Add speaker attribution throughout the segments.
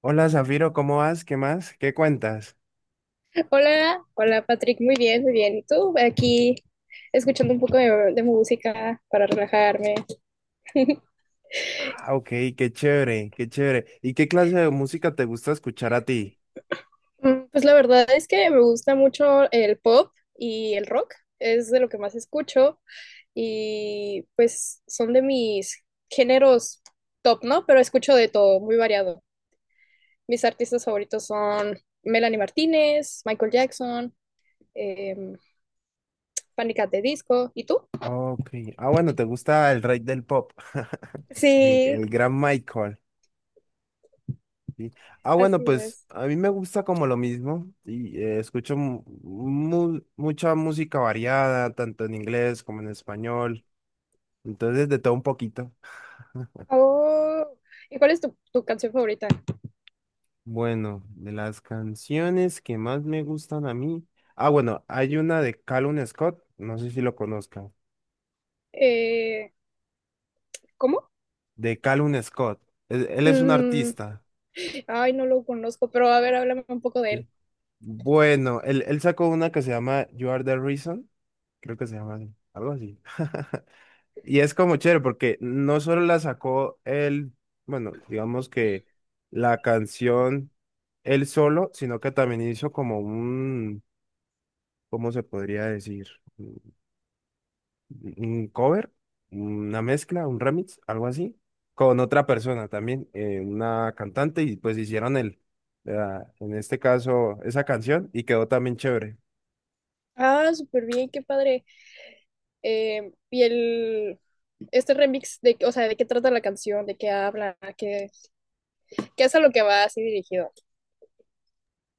Speaker 1: Hola Zafiro, ¿cómo vas? ¿Qué más? ¿Qué cuentas?
Speaker 2: Hola, hola Patrick, muy bien, muy bien. ¿Y tú? Aquí escuchando un poco de música para relajarme.
Speaker 1: Ah, ok, qué chévere, qué chévere. ¿Y qué clase de música te gusta escuchar a ti?
Speaker 2: Pues la verdad es que me gusta mucho el pop y el rock, es de lo que más escucho y pues son de mis géneros top, ¿no? Pero escucho de todo, muy variado. Mis artistas favoritos son Melanie Martínez, Michael Jackson, eh, Panic! At the Disco. ¿Y tú?
Speaker 1: Ok, ah, bueno, te gusta el rey del pop, el,
Speaker 2: Sí,
Speaker 1: el gran Michael. Sí. Ah, bueno,
Speaker 2: así
Speaker 1: pues
Speaker 2: es.
Speaker 1: a mí me gusta como lo mismo y escucho mucha música variada, tanto en inglés como en español, entonces de todo un poquito.
Speaker 2: Oh, ¿y cuál es tu canción favorita?
Speaker 1: Bueno, de las canciones que más me gustan a mí. Ah, bueno, hay una de Callum Scott, no sé si lo conozca.
Speaker 2: Eh, ¿Cómo?
Speaker 1: De Callum Scott. Él es un
Speaker 2: Mm,
Speaker 1: artista.
Speaker 2: ay, no lo conozco, pero a ver, háblame un poco de
Speaker 1: ¿Sí?
Speaker 2: él.
Speaker 1: Bueno, él sacó una que se llama You Are the Reason. Creo que se llama así, algo así. Y es como chévere porque no solo la sacó él, bueno, digamos que la canción él solo, sino que también hizo como un, ¿cómo se podría decir? Un cover, una mezcla, un remix, algo así, con otra persona también, una cantante, y pues hicieron en este caso, esa canción y quedó también chévere.
Speaker 2: Ah, súper bien, qué padre. Eh, y el, este remix de, o sea, ¿de qué trata la canción? ¿De qué habla? ¿Qué? Que es a lo que va así dirigido.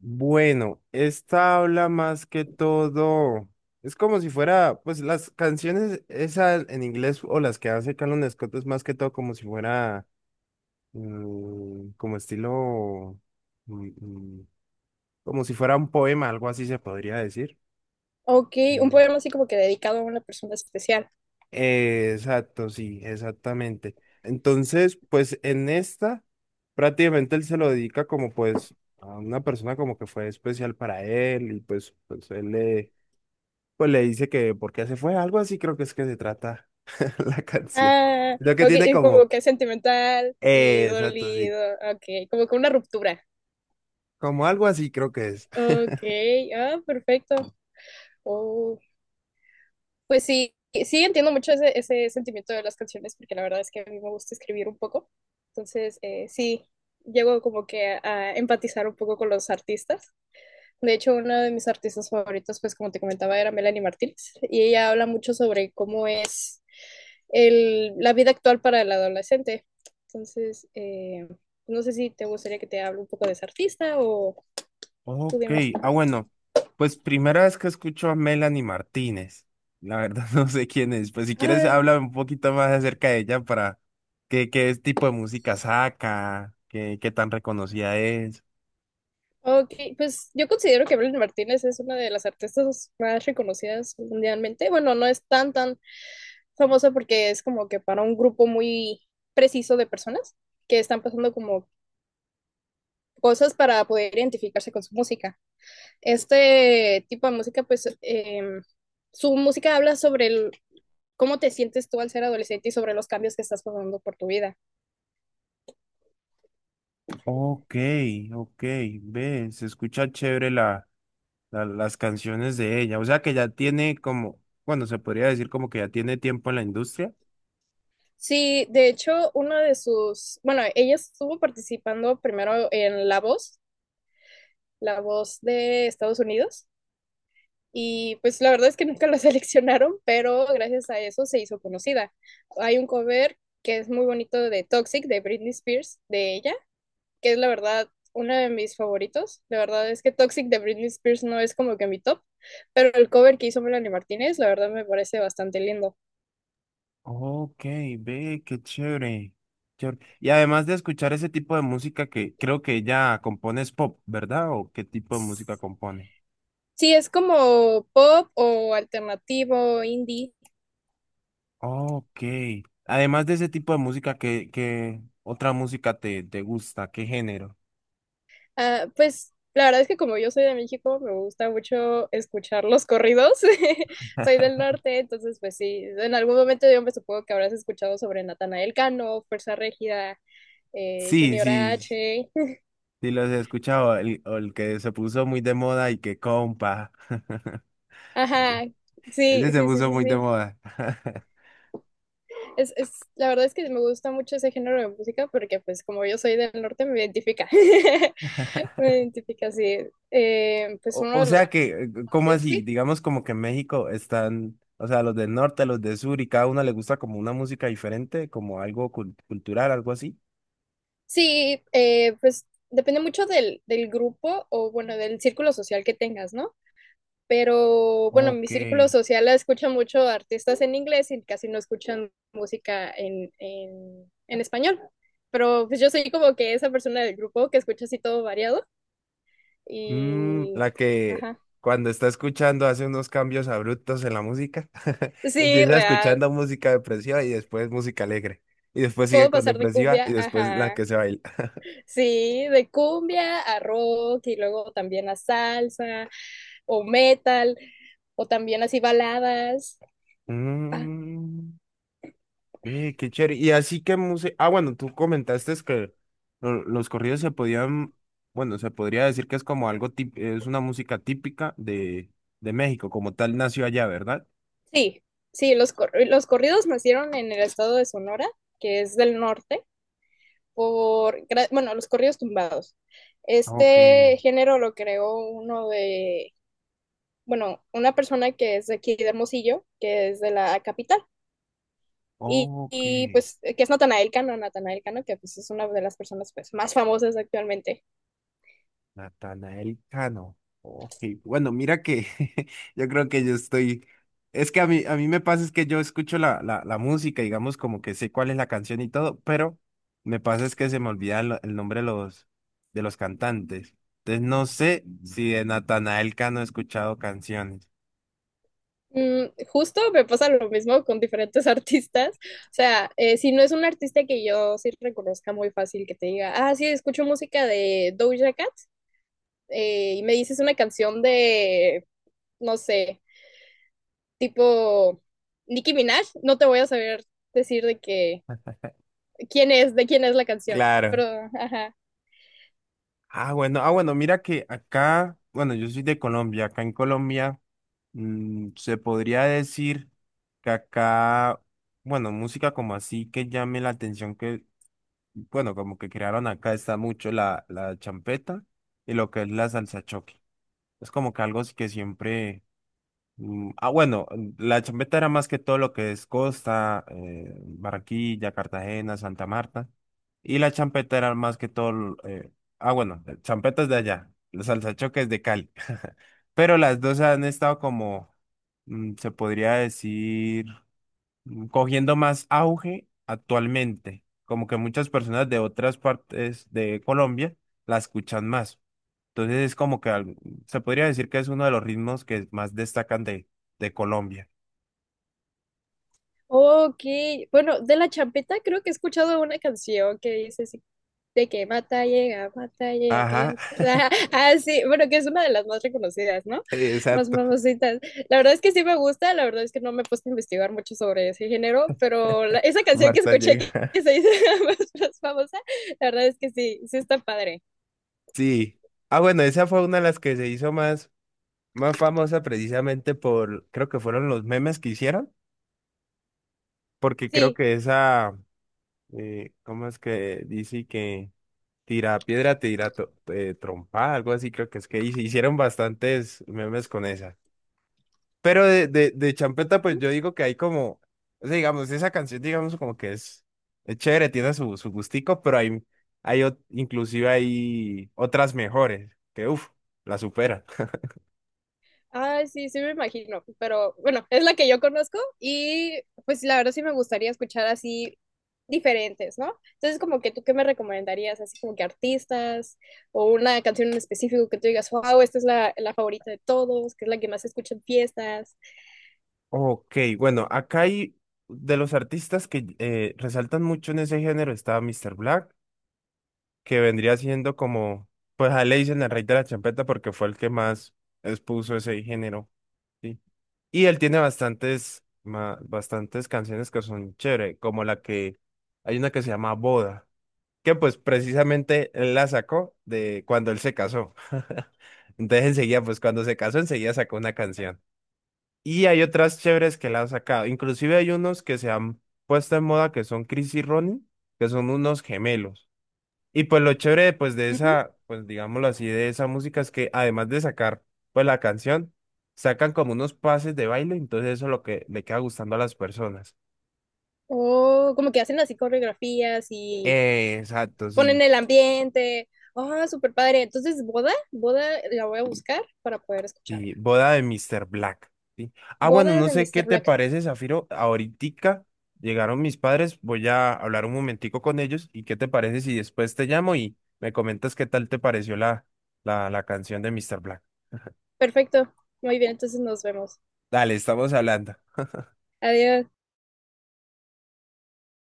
Speaker 1: Bueno, esta habla más que todo, es como si fuera, pues las canciones esas en inglés o las que hace Calum Scott es más que todo como si fuera, como estilo, mm, mm, como si fuera un poema, algo así se podría decir.
Speaker 2: Ok, un
Speaker 1: Mm.
Speaker 2: poema así como que dedicado a una persona especial.
Speaker 1: Exacto, sí, exactamente. Entonces, pues en esta, prácticamente él se lo dedica como pues a una persona como que fue especial para él y pues él le, pues le dice que por qué se fue, algo así creo que es que se trata la canción.
Speaker 2: Ah,
Speaker 1: Lo que
Speaker 2: ok,
Speaker 1: tiene
Speaker 2: es como
Speaker 1: como,
Speaker 2: que sentimental y
Speaker 1: exacto, sí,
Speaker 2: dolido. Ok, como que una ruptura.
Speaker 1: como algo así creo que es.
Speaker 2: Ok, ah, perfecto. Oh. Pues sí, sí entiendo mucho ese sentimiento de las canciones, porque la verdad es que a mí me gusta escribir un poco. Entonces, sí, llego como que a empatizar un poco con los artistas. De hecho, una de mis artistas favoritos, pues como te comentaba, era Melanie Martínez, y ella habla mucho sobre cómo es la vida actual para el adolescente. Entonces, no sé si te gustaría que te hable un poco de esa artista o tú
Speaker 1: Ok,
Speaker 2: dime.
Speaker 1: ah bueno, pues primera vez que escucho a Melanie Martínez. La verdad no sé quién es. Pues si quieres
Speaker 2: Ah,
Speaker 1: háblame un poquito más acerca de ella para qué, qué, tipo de música saca, qué tan reconocida es.
Speaker 2: ok, pues yo considero que Evelyn Martínez es una de las artistas más reconocidas mundialmente. Bueno, no es tan famosa porque es como que para un grupo muy preciso de personas que están pasando como cosas para poder identificarse con su música. Este tipo de música, pues su música habla sobre el- cómo te sientes tú al ser adolescente y sobre los cambios que estás pasando por tu vida.
Speaker 1: Ok, ok, ve, se escucha chévere las canciones de ella. O sea que ya tiene como, bueno, se podría decir como que ya tiene tiempo en la industria.
Speaker 2: Sí, de hecho, una de sus, bueno, ella estuvo participando primero en La Voz, La Voz de Estados Unidos, y pues la verdad es que nunca la seleccionaron, pero gracias a eso se hizo conocida. Hay un cover que es muy bonito de Toxic, de Britney Spears, de ella, que es la verdad uno de mis favoritos. La verdad es que Toxic de Britney Spears no es como que mi top, pero el cover que hizo Melanie Martínez, la verdad me parece bastante lindo.
Speaker 1: Ok, ve, qué chévere. Chévere. Y además de escuchar ese tipo de música que creo que ella compone es pop, ¿verdad? ¿O qué tipo de música compone?
Speaker 2: Sí, es como pop o alternativo, indie.
Speaker 1: Ok. Además de ese tipo de música, ¿qué otra música te gusta? ¿Qué género?
Speaker 2: Ah, pues la verdad es que como yo soy de México, me gusta mucho escuchar los corridos. Soy del norte, entonces pues sí, en algún momento yo me supongo que habrás escuchado sobre Natanael Cano, Fuerza Régida,
Speaker 1: Sí,
Speaker 2: Junior
Speaker 1: sí,
Speaker 2: H.
Speaker 1: sí los he escuchado. El, o el que se puso muy de moda y que compa.
Speaker 2: Ajá, sí,
Speaker 1: Ese se
Speaker 2: sí, sí,
Speaker 1: puso
Speaker 2: sí,
Speaker 1: muy de
Speaker 2: sí.
Speaker 1: moda.
Speaker 2: La verdad es que me gusta mucho ese género de música porque pues como yo soy del norte me identifica. Me identifica, sí. Pues
Speaker 1: O,
Speaker 2: uno
Speaker 1: o
Speaker 2: de los
Speaker 1: sea
Speaker 2: artistas
Speaker 1: que, ¿cómo
Speaker 2: conocidos,
Speaker 1: así?
Speaker 2: sí.
Speaker 1: Digamos como que en México están, o sea, los del norte, los del sur, y cada uno le gusta como una música diferente, como algo cultural, algo así.
Speaker 2: Sí, pues depende mucho del grupo o bueno, del círculo social que tengas, ¿no? Pero bueno, mi
Speaker 1: Ok.
Speaker 2: círculo social escucha mucho artistas en inglés y casi no escuchan música en español. Pero pues yo soy como que esa persona del grupo que escucha así todo variado
Speaker 1: Mm,
Speaker 2: y...
Speaker 1: la que
Speaker 2: Ajá.
Speaker 1: cuando está escuchando hace unos cambios abruptos en la música,
Speaker 2: Sí,
Speaker 1: empieza
Speaker 2: real.
Speaker 1: escuchando música depresiva y después música alegre, y después sigue
Speaker 2: Puedo
Speaker 1: con
Speaker 2: pasar de
Speaker 1: depresiva
Speaker 2: cumbia,
Speaker 1: y después la
Speaker 2: ajá.
Speaker 1: que se baila.
Speaker 2: Sí, de cumbia a rock y luego también a salsa, o metal, o también así baladas. Ah,
Speaker 1: Mm. Ve, qué chévere. Y así que música. Ah, bueno, tú comentaste es que los corridos se podían. Bueno, se podría decir que es como algo es una música típica de México, como tal nació allá, ¿verdad?
Speaker 2: sí, sí, cor- los corridos nacieron en el estado de Sonora, que es del norte, por, gra- bueno, los corridos tumbados.
Speaker 1: Ok,
Speaker 2: Este género lo creó uno de, bueno, una persona que es de aquí de Hermosillo, que es de la capital.
Speaker 1: ok.
Speaker 2: Pues, que es Natanael Cano, Natanael Cano, que pues es una de las personas pues, más famosas actualmente.
Speaker 1: Natanael Cano. Ok, bueno, mira que yo creo que yo estoy. Es que a mí me pasa es que yo escucho la música, digamos, como que sé cuál es la canción y todo, pero me pasa es que se me olvida el nombre de los cantantes. Entonces no sé si de Natanael Cano he escuchado canciones.
Speaker 2: Mm, justo me pasa lo mismo con diferentes artistas. O sea, si no es un artista que yo sí reconozca muy fácil, que te diga, ah, sí, escucho música de Doja Cat, y me dices una canción de, no sé, tipo Nicki Minaj, no te voy a saber decir de qué, quién es, de quién es la canción. Pero,
Speaker 1: Claro.
Speaker 2: ajá.
Speaker 1: Bueno, ah, bueno, mira que acá, bueno, yo soy de Colombia, acá en Colombia se podría decir que acá, bueno, música como así que llame la atención que, bueno, como que crearon acá está mucho la champeta y lo que es la salsa choque. Es como que algo que siempre. Ah, bueno, la champeta era más que todo lo que es Costa, Barranquilla, Cartagena, Santa Marta. Y la champeta era más que todo. Bueno, champetas de allá. Los salsachoques de Cali. Pero las dos han estado como, se podría decir cogiendo más auge actualmente. Como que muchas personas de otras partes de Colombia la escuchan más. Entonces es como que se podría decir que es uno de los ritmos que más destacan de Colombia.
Speaker 2: Ok, bueno, de La Champeta creo que he escuchado una canción que dice de que mata, llega,
Speaker 1: Ajá,
Speaker 2: que ya- ah, ah, sí, bueno, que es una de las más reconocidas, ¿no? Más
Speaker 1: exacto.
Speaker 2: famositas. La verdad es que sí me gusta, la verdad es que no me he puesto a investigar mucho sobre ese género, pero la- esa canción que
Speaker 1: Marta
Speaker 2: escuché que
Speaker 1: llega.
Speaker 2: se dice más famosa, la verdad es que sí, sí está padre.
Speaker 1: Sí. Ah, bueno, esa fue una de las que se hizo más, más famosa precisamente por, creo que fueron los memes que hicieron, porque creo
Speaker 2: Sí,
Speaker 1: que esa, ¿cómo es que dice que? Tira piedra, tira trompa, algo así creo que es que hicieron bastantes memes con esa. Pero de Champeta, pues yo digo que hay como, o sea, digamos, esa canción, digamos, como que es, chévere, tiene su gustico, pero hay inclusive hay otras mejores, que uff, la superan.
Speaker 2: ay, sí, sí me imagino, pero bueno, es la que yo conozco y pues la verdad sí me gustaría escuchar así diferentes, ¿no? Entonces como que tú qué me recomendarías, así como que artistas o una canción en específico que tú digas, wow, esta es la favorita de todos, que es la que más se escucha en fiestas.
Speaker 1: Ok, bueno, acá hay de los artistas que resaltan mucho en ese género está Mr. Black, que vendría siendo como, pues a él le dicen el rey de la champeta porque fue el que más expuso ese género, ¿sí? Y él tiene bastantes canciones que son chévere, como la que, hay una que se llama Boda, que pues precisamente él la sacó de cuando él se casó. Entonces enseguida, pues cuando se casó, enseguida sacó una canción. Y hay otras chéveres que la han sacado. Inclusive hay unos que se han puesto en moda que son Chris y Ronnie, que son unos gemelos. Y pues lo chévere, pues de
Speaker 2: Ujú.
Speaker 1: esa, pues digámoslo así, de esa música es que además de sacar, pues la canción, sacan como unos pases de baile, entonces eso es lo que le queda gustando a las personas.
Speaker 2: O como que hacen así coreografías y
Speaker 1: Exacto,
Speaker 2: ponen
Speaker 1: sí,
Speaker 2: el ambiente. Oh, súper padre. Entonces, boda, boda la voy a buscar para poder escucharla.
Speaker 1: sí, boda de Mr. Black, ¿sí? Ah, bueno,
Speaker 2: Boda
Speaker 1: no
Speaker 2: de
Speaker 1: sé qué
Speaker 2: Mr.
Speaker 1: te
Speaker 2: Black.
Speaker 1: parece, Zafiro, ahoritica llegaron mis padres, voy a hablar un momentico con ellos y qué te parece si después te llamo y me comentas qué tal te pareció la canción de Mr. Black.
Speaker 2: Perfecto. Muy bien, entonces nos vemos.
Speaker 1: Dale, estamos hablando.
Speaker 2: Adiós.